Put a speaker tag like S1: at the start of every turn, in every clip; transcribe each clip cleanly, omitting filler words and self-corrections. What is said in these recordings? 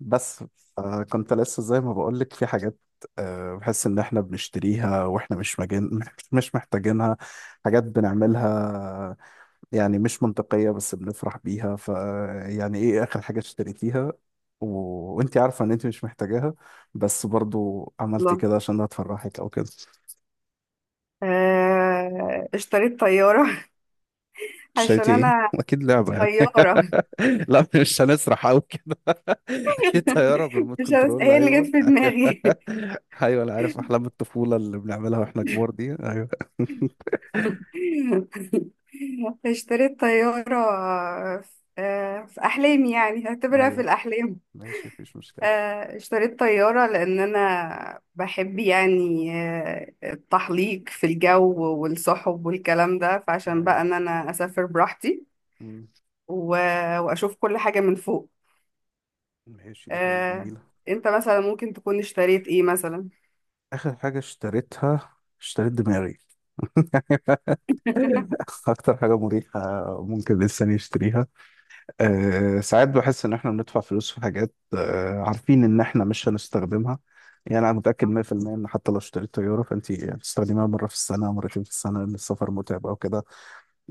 S1: بس كنت لسه زي ما بقولك في حاجات. بحس ان احنا بنشتريها واحنا مش مجين، مش محتاجينها، حاجات بنعملها يعني مش منطقية بس بنفرح بيها. ف يعني ايه اخر حاجة اشتريتيها؟ و... وانت عارفة ان انت مش محتاجاها بس برضو عملتي
S2: الله.
S1: كده عشان هتفرحك او كده.
S2: اشتريت طيارة. عشان
S1: اشتريتي ايه؟
S2: أنا
S1: اكيد لعبة يعني
S2: طيارة.
S1: لا مش هنسرح قوي كده. اكيد طيارة بريموت
S2: مش عارف-
S1: كنترول،
S2: هي اللي
S1: ايوه.
S2: جت في دماغي.
S1: ايوه انا عارف احلام الطفوله اللي بنعملها واحنا كبار دي، ايوه.
S2: اشتريت طيارة في في أحلامي، يعني هعتبرها في
S1: ايوه
S2: الأحلام.
S1: ماشي، مفيش مشكله.
S2: اشتريت طيارة لأن أنا بحب يعني التحليق في الجو والسحب والكلام ده، فعشان بقى
S1: ايوه.
S2: إن أنا أسافر براحتي
S1: مم.
S2: و- وأشوف كل حاجة من فوق.
S1: ماشي، دي حاجه
S2: آه،
S1: جميله.
S2: أنت مثلا ممكن تكون اشتريت إيه مثلا؟
S1: اخر حاجه اشتريتها اشتريت دماغي اكتر حاجه مريحه ممكن الانسان يشتريها. أه ساعات بحس ان احنا بندفع فلوس في حاجات أه عارفين ان احنا مش هنستخدمها. يعني انا متاكد 100% ان حتى لو اشتريت طياره فانت هتستخدميها مره في السنه، مرتين في السنه، ان السفر متعب او كده.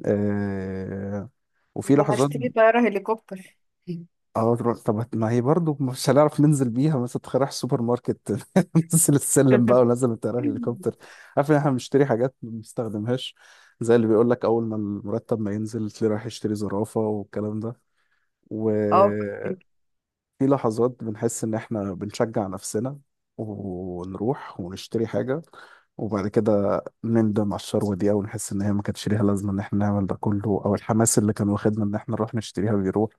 S1: آه، وفي
S2: لما
S1: لحظات.
S2: هشتري طيارة هليكوبتر.
S1: اه طب ما هي برضه مش هنعرف ننزل بيها، مثلا تخيل رايح السوبر ماركت ننزل السلم بقى ونزل من طيارة الهليكوبتر. عارف ان احنا بنشتري حاجات ما بنستخدمهاش، زي اللي بيقول لك اول ما المرتب ما ينزل تلاقيه رايح يشتري زرافة والكلام ده. و
S2: اه.
S1: في لحظات بنحس إن إحنا بنشجع نفسنا ونروح ونشتري حاجة، وبعد كده نندم على الشروة دي أو نحس إن هي ما كانتش ليها لازمة إن إحنا نعمل ده كله، أو الحماس اللي كان واخدنا إن إحنا نروح نشتريها بيروح.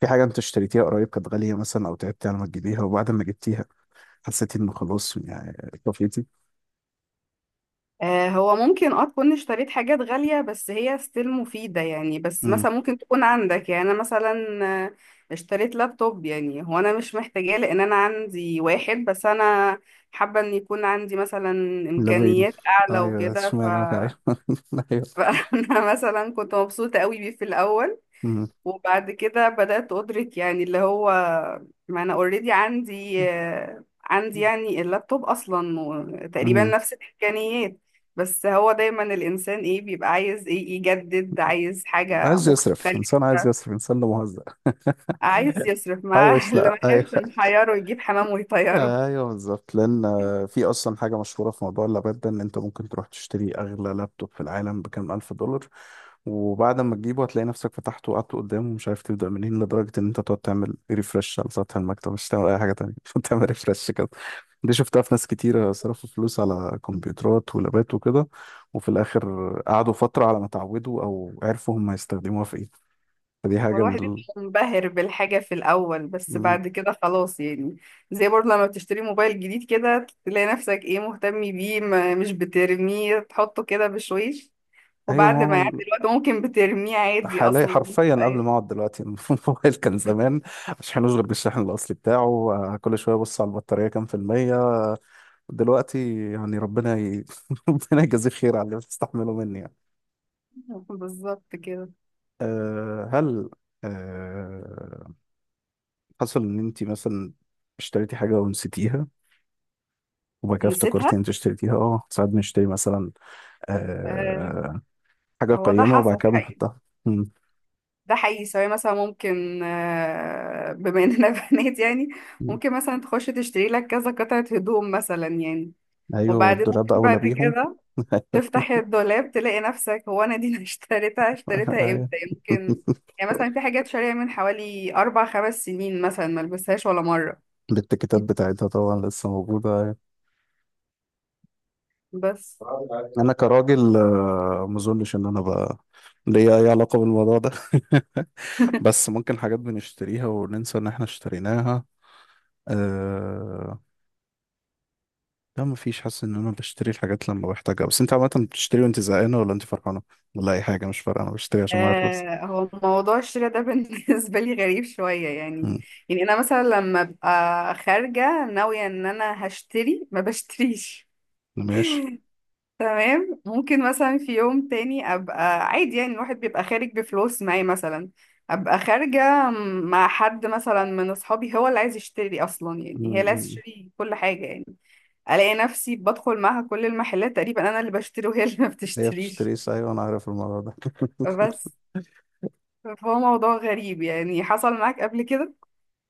S1: في حاجة أنت اشتريتيها قريب كانت غالية مثلا أو تعبتي على ما تجيبيها وبعد ما جبتيها حسيتي إنه خلاص يعني طفيتي؟
S2: هو ممكن تكون اشتريت حاجات غالية، بس هي ستيل مفيدة يعني. بس
S1: امم.
S2: مثلا ممكن تكون عندك، يعني انا مثلا آه، اشتريت لابتوب، يعني هو انا مش محتاجاه، لان انا عندي واحد، بس انا حابة ان يكون عندي مثلا
S1: لا باين،
S2: امكانيات اعلى
S1: أيوه
S2: وكده.
S1: اشمعنى، أيوه أيوه.
S2: فانا مثلا كنت مبسوطة قوي بيه في الاول،
S1: أمم.
S2: وبعد كده بدأت أدرك يعني اللي هو ما أنا اوريدي عندي يعني اللابتوب أصلا تقريبا
S1: أمم.
S2: نفس الإمكانيات. بس هو دايما الإنسان إيه بيبقى عايز إيه، يجدد، عايز حاجة
S1: عايز يصرف إنسان، عايز
S2: مختلفة،
S1: يصرف إنسان، لا مهزأ
S2: عايز يصرف مع.
S1: حوش،
S2: اللي ما
S1: لا أيوه.
S2: يحبش نحيره يجيب حمام ويطيره.
S1: ايوه بالظبط، لان في اصلا حاجه مشهوره في موضوع اللابات ده ان انت ممكن تروح تشتري اغلى لابتوب في العالم بكام الف دولار، وبعد ما تجيبه هتلاقي نفسك فتحته وقعدت قدامه ومش عارف تبدا منين، لدرجه ان انت تقعد تعمل ريفرش على سطح المكتب مش تعمل اي حاجه تانية تعمل ريفرش كده. دي شفتها في ناس كتيرة صرفوا فلوس على كمبيوترات ولابات وكده، وفي الآخر قعدوا فترة على ما اتعودوا أو عرفوا هم هيستخدموها في إيه. فدي
S2: هو
S1: حاجة من
S2: الواحد
S1: ال...
S2: بيبقى منبهر بالحاجة في الأول، بس
S1: مم.
S2: بعد كده خلاص يعني. زي برضه لما بتشتري موبايل جديد كده، تلاقي نفسك ايه، مهتم بيه، ما مش بترميه، تحطه كده بشويش.
S1: أيوة
S2: وبعد
S1: ما هو
S2: ما يعدي الوقت ممكن بترميه عادي
S1: حاليا
S2: اصلا.
S1: حرفيا قبل ما اقعد دلوقتي الموبايل كان زمان مش هنوش غير بالشحن الاصلي بتاعه، كل شويه ابص على البطاريه كام في الميه، دلوقتي يعني ربنا يجازيه خير على اللي بتستحمله مني يعني.
S2: بالظبط كده.
S1: أه هل، أه، حصل ان انت مثلا اشتريتي حاجه ونسيتيها وبعد كده افتكرتي
S2: نسيتها.
S1: ان انت اشتريتيها؟ اه ساعات بنشتري مثلا
S2: آه
S1: أه حاجه
S2: هو ده
S1: قيمه وبعد
S2: حصل
S1: كده
S2: حقيقي.
S1: بنحطها. مم.
S2: ده حقيقي، سواء مثلا ممكن بما اننا بنات يعني.
S1: مم.
S2: ممكن مثلا تخش تشتري لك كذا قطعة هدوم مثلا يعني.
S1: ايوه
S2: وبعدين
S1: والدولاب
S2: ممكن
S1: اولى
S2: بعد
S1: بيهم
S2: كده تفتح الدولاب، تلاقي نفسك: هو انا دي اللي اشتريتها؟ اشتريتها
S1: ايوه
S2: امتى يمكن؟ يعني مثلا في حاجات شارية من حوالي اربع خمس سنين، مثلا ملبسهاش ولا مرة.
S1: الاتيكيتات بتاعتها طبعا لسه موجودة.
S2: بس.
S1: أنا كراجل ما أظنش إن أنا بقى ليا أي علاقة بالموضوع ده بس ممكن حاجات بنشتريها وننسى إن إحنا اشتريناها. أه... لا مفيش، حاسس إن أنا بشتري الحاجات لما بحتاجها. بس أنت عامة بتشتري وأنت زهقانة ولا أنت فرحانة ولا أي حاجة مش فارقة؟ أنا بشتري عشان معايا فلوس.
S2: هو موضوع الشراء ده بالنسبة لي غريب شوية يعني.
S1: مم.
S2: يعني أنا مثلا لما ببقى خارجة ناوية إن أنا هشتري ما بشتريش.
S1: ماشي.
S2: تمام. ممكن مثلا في يوم تاني أبقى عادي، يعني الواحد بيبقى خارج بفلوس معي مثلا، أبقى خارجة مع حد مثلا من أصحابي هو اللي عايز يشتري أصلا، يعني هي اللي عايز
S1: مم.
S2: تشتري كل حاجة يعني. ألاقي نفسي بدخل معاها كل المحلات، تقريبا أنا اللي بشتري وهي اللي ما
S1: هي بتشتري،
S2: بتشتريش.
S1: أيوة أنا عارف الموضوع ده
S2: بس فهو موضوع غريب يعني. حصل معاك قبل كده؟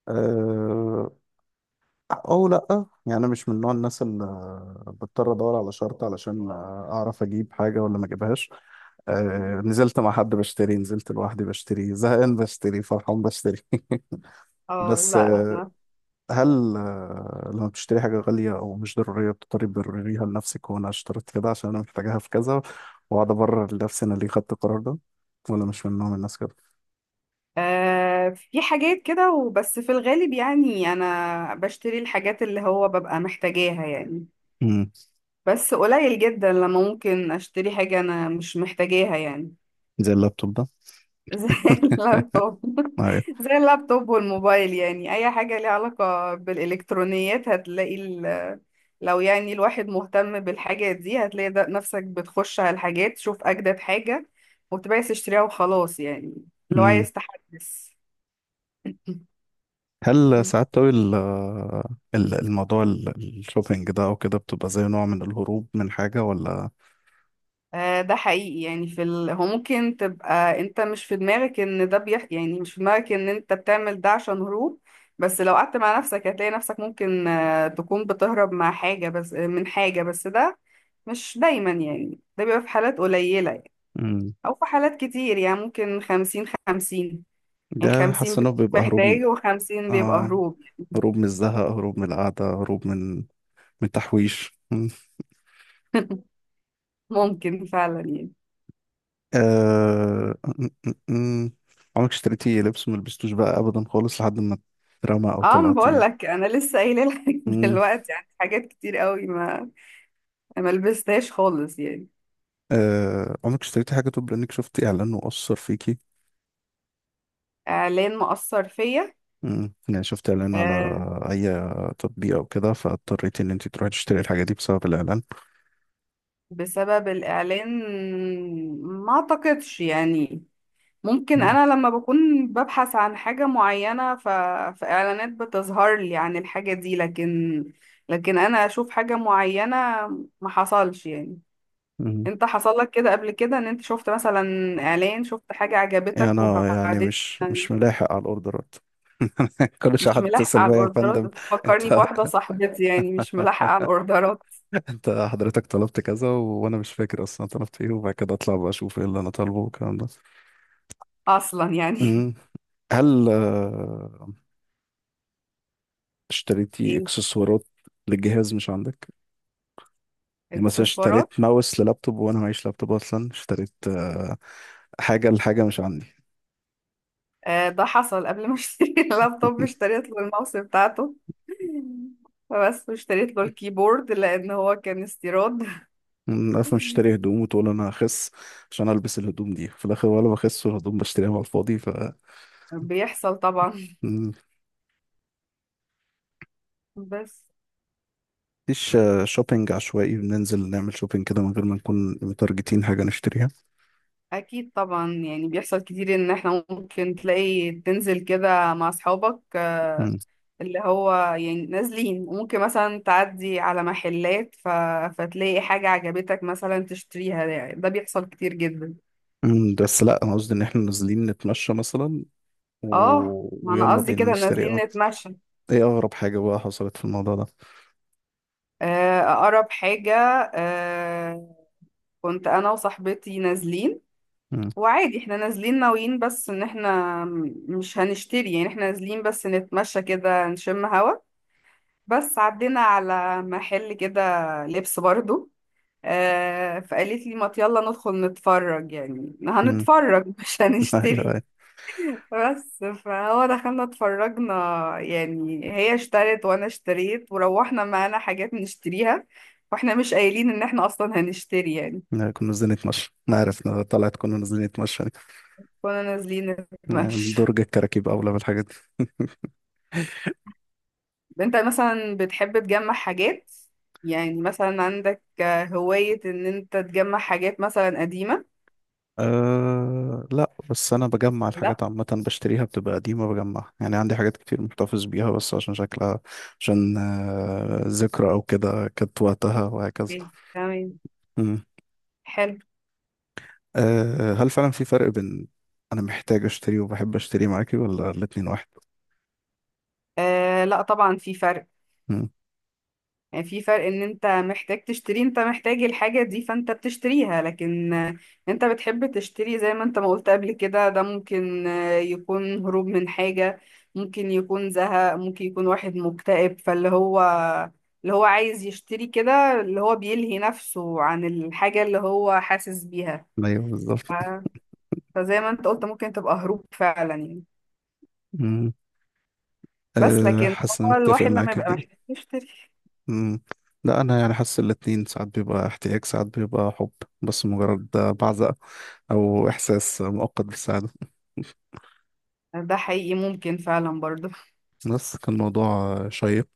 S1: أه... او لا، يعني انا مش من نوع الناس اللي بضطر ادور على شرط علشان اعرف اجيب حاجه ولا ما اجيبهاش. نزلت مع حد بشتري، نزلت لوحدي بشتري، زهقان بشتري، فرحان بشتري
S2: اه
S1: بس
S2: لا.
S1: هل لما بتشتري حاجه غاليه او مش ضروريه بتضطري تبرريها لنفسك، وانا اشتريت كده عشان انا محتاجاها في كذا، واقعد ابرر لنفسي انا ليه خدت القرار ده، ولا مش من نوع الناس كده؟
S2: في حاجات كده وبس في الغالب، يعني انا بشتري الحاجات اللي هو ببقى محتاجاها يعني.
S1: امم.
S2: بس قليل جدا لما ممكن اشتري حاجة انا مش محتاجاها يعني.
S1: زي اللابتوب ده.
S2: زي اللابتوب.
S1: ايوه.
S2: زي اللابتوب والموبايل، يعني اي حاجة ليها علاقة بالالكترونيات هتلاقي لو يعني الواحد مهتم بالحاجات دي هتلاقي ده نفسك بتخش على الحاجات تشوف اجدد حاجة، وتبقى عايز تشتريها وخلاص يعني. لو
S1: مم.
S2: عايز تحدث.
S1: هل ساعات قوي الموضوع الشوبينج ده او كده بتبقى زي نوع من الهروب من حاجة ولا؟
S2: ده حقيقي يعني هو ممكن تبقى انت مش في دماغك ان يعني مش في دماغك ان انت بتعمل ده عشان هروب. بس لو قعدت مع نفسك هتلاقي نفسك ممكن تكون بتهرب مع حاجة بس آه، من حاجة بس. ده مش دايما يعني، ده بيبقى في حالات قليلة يعني.
S1: مم.
S2: او في حالات كتير يعني، ممكن خمسين خمسين، يعني
S1: ده حاسس
S2: خمسين
S1: انه بيبقى
S2: محتاج وخمسين بيبقى
S1: آه،
S2: هروب.
S1: هروب من الزهق، هروب من القعدة، هروب من من تحويش. مم.
S2: ممكن فعلا يعني.
S1: آه... م- م- م. عمرك اشتريتي لبس ملبستوش بقى ابدا خالص لحد ما اترمى او
S2: اه، ما بقول
S1: طلعتي؟
S2: لك انا لسه قايله لك.
S1: مم.
S2: دلوقتي يعني حاجات كتير قوي ما لبستهاش خالص يعني.
S1: عمرك اشتريتي حاجة طب لانك شفتي اعلان وأثر فيكي؟
S2: اعلان مأثر فيا؟
S1: مم. يعني شفت اعلان على
S2: آه،
S1: اي تطبيق او كده فاضطريت ان انت تروحي تشتري الحاجه دي بسبب الاعلان؟
S2: بسبب الاعلان. ما اعتقدش يعني. ممكن
S1: مم.
S2: انا لما بكون ببحث عن حاجة معينة فاعلانات بتظهر لي عن الحاجة دي، لكن انا اشوف حاجة معينة. ما حصلش يعني.
S1: مم.
S2: انت حصل لك كده قبل كده، ان انت شفت مثلا اعلان، شفت حاجة
S1: يعني
S2: عجبتك
S1: انا يعني
S2: وبعدين؟
S1: مش ملاحق على الاوردرات كل شويه
S2: مش
S1: حد
S2: ملاحقة
S1: يتصل
S2: على
S1: بيا: يا
S2: الاوردرات
S1: فندم انت
S2: فكرني بواحدة صاحبتي، يعني مش ملاحقة على الاوردرات
S1: انت حضرتك طلبت كذا، وانا مش فاكر اصلا طلبت ايه، وبعد كده اطلع بقى اشوف ايه اللي انا طالبه والكلام ده.
S2: اصلا يعني.
S1: مم. هل اشتريتي
S2: ايه؟
S1: اكسسوارات للجهاز مش عندك؟ يعني مثلا
S2: اكسسوارات؟
S1: اشتريت ماوس للابتوب وانا معيش لابتوب اصلا، اشتريت حاجه لحاجه مش عندي.
S2: آه، ده حصل قبل ما اشتري اللابتوب، اشتريت له الماوس بتاعته. فبس اشتريت له الكيبورد لان هو كان استيراد.
S1: عارف مش اشتري هدوم وتقول انا هخس عشان البس الهدوم دي في الاخر، ولا بخس والهدوم بشتريها على الفاضي. ف
S2: بيحصل طبعا.
S1: مم.
S2: بس.
S1: مفيش شوبينج عشوائي بننزل نعمل شوبينج كده من غير ما نكون متارجتين حاجه نشتريها؟
S2: اكيد طبعا، يعني بيحصل كتير ان احنا ممكن تلاقي تنزل كده مع اصحابك،
S1: مم.
S2: اللي هو يعني نازلين وممكن مثلا تعدي على محلات فتلاقي حاجة عجبتك مثلا تشتريها. ده بيحصل كتير جدا.
S1: مم، بس لا انا قصدي ان احنا نازلين نتمشى مثلا و...
S2: اه، ما انا
S1: ويلا
S2: قصدي
S1: بينا
S2: كده
S1: نشتري.
S2: نازلين
S1: اه،
S2: نتمشى.
S1: ايه اغرب حاجه بقى حصلت في الموضوع ده؟
S2: اقرب حاجة. آه، كنت انا وصاحبتي نازلين،
S1: مم.
S2: وعادي احنا نازلين ناويين بس ان احنا مش هنشتري، يعني احنا نازلين بس نتمشى كده نشم هوا. بس عدينا على محل كده لبس برضو، فقالت لي: ما يلا ندخل نتفرج، يعني
S1: مم.
S2: هنتفرج مش هنشتري.
S1: ايوه.
S2: بس فهو دخلنا اتفرجنا، يعني هي اشترت وانا اشتريت وروحنا معانا حاجات نشتريها، واحنا مش قايلين ان احنا اصلا هنشتري يعني.
S1: لا، كنا نازلين نتمشى ما عرفنا طلعت كنا نازلين نتمشى.
S2: كنا نازلين
S1: يعني
S2: نتمشى.
S1: درج الكراكيب أولى بالحاجات دي.
S2: انت مثلا بتحب تجمع حاجات؟ يعني مثلا عندك هواية ان انت تجمع حاجات مثلا قديمة؟
S1: أه لا، بس أنا بجمع
S2: لا.
S1: الحاجات عامة، بشتريها بتبقى قديمة بجمعها، يعني عندي حاجات كتير محتفظ بيها بس عشان شكلها، عشان ذكرى أو كده كانت وقتها وهكذا.
S2: تمام.
S1: مم.
S2: حلو.
S1: أه هل فعلا في فرق بين أنا محتاج أشتري وبحب أشتري معاكي، ولا الاتنين واحد؟
S2: آه لا، طبعا في فرق.
S1: مم.
S2: يعني في فرق ان انت محتاج تشتري، انت محتاج الحاجة دي فانت بتشتريها، لكن انت بتحب تشتري. زي ما انت ما قلت قبل كده، ده ممكن يكون هروب من حاجة، ممكن يكون زهق، ممكن يكون واحد مكتئب، فاللي هو عايز يشتري كده، اللي هو بيلهي نفسه عن الحاجة اللي هو حاسس بيها.
S1: أيوه
S2: ف-
S1: بالظبط.
S2: فزي ما انت قلت ممكن تبقى هروب فعلا يعني.
S1: مم.
S2: بس
S1: أه
S2: لكن
S1: حاسس إن
S2: هو
S1: أنا متفق
S2: الواحد لما
S1: معاكي في
S2: يبقى
S1: دي.
S2: محتاج يشتري.
S1: مم. لا انا يعني حاسس الاتنين، ساعات بيبقى احتياج ساعات بيبقى حب، بس مجرد بعزة او احساس مؤقت بالسعادة.
S2: ده حقيقي ممكن فعلا برضه.
S1: بس كان موضوع شيق.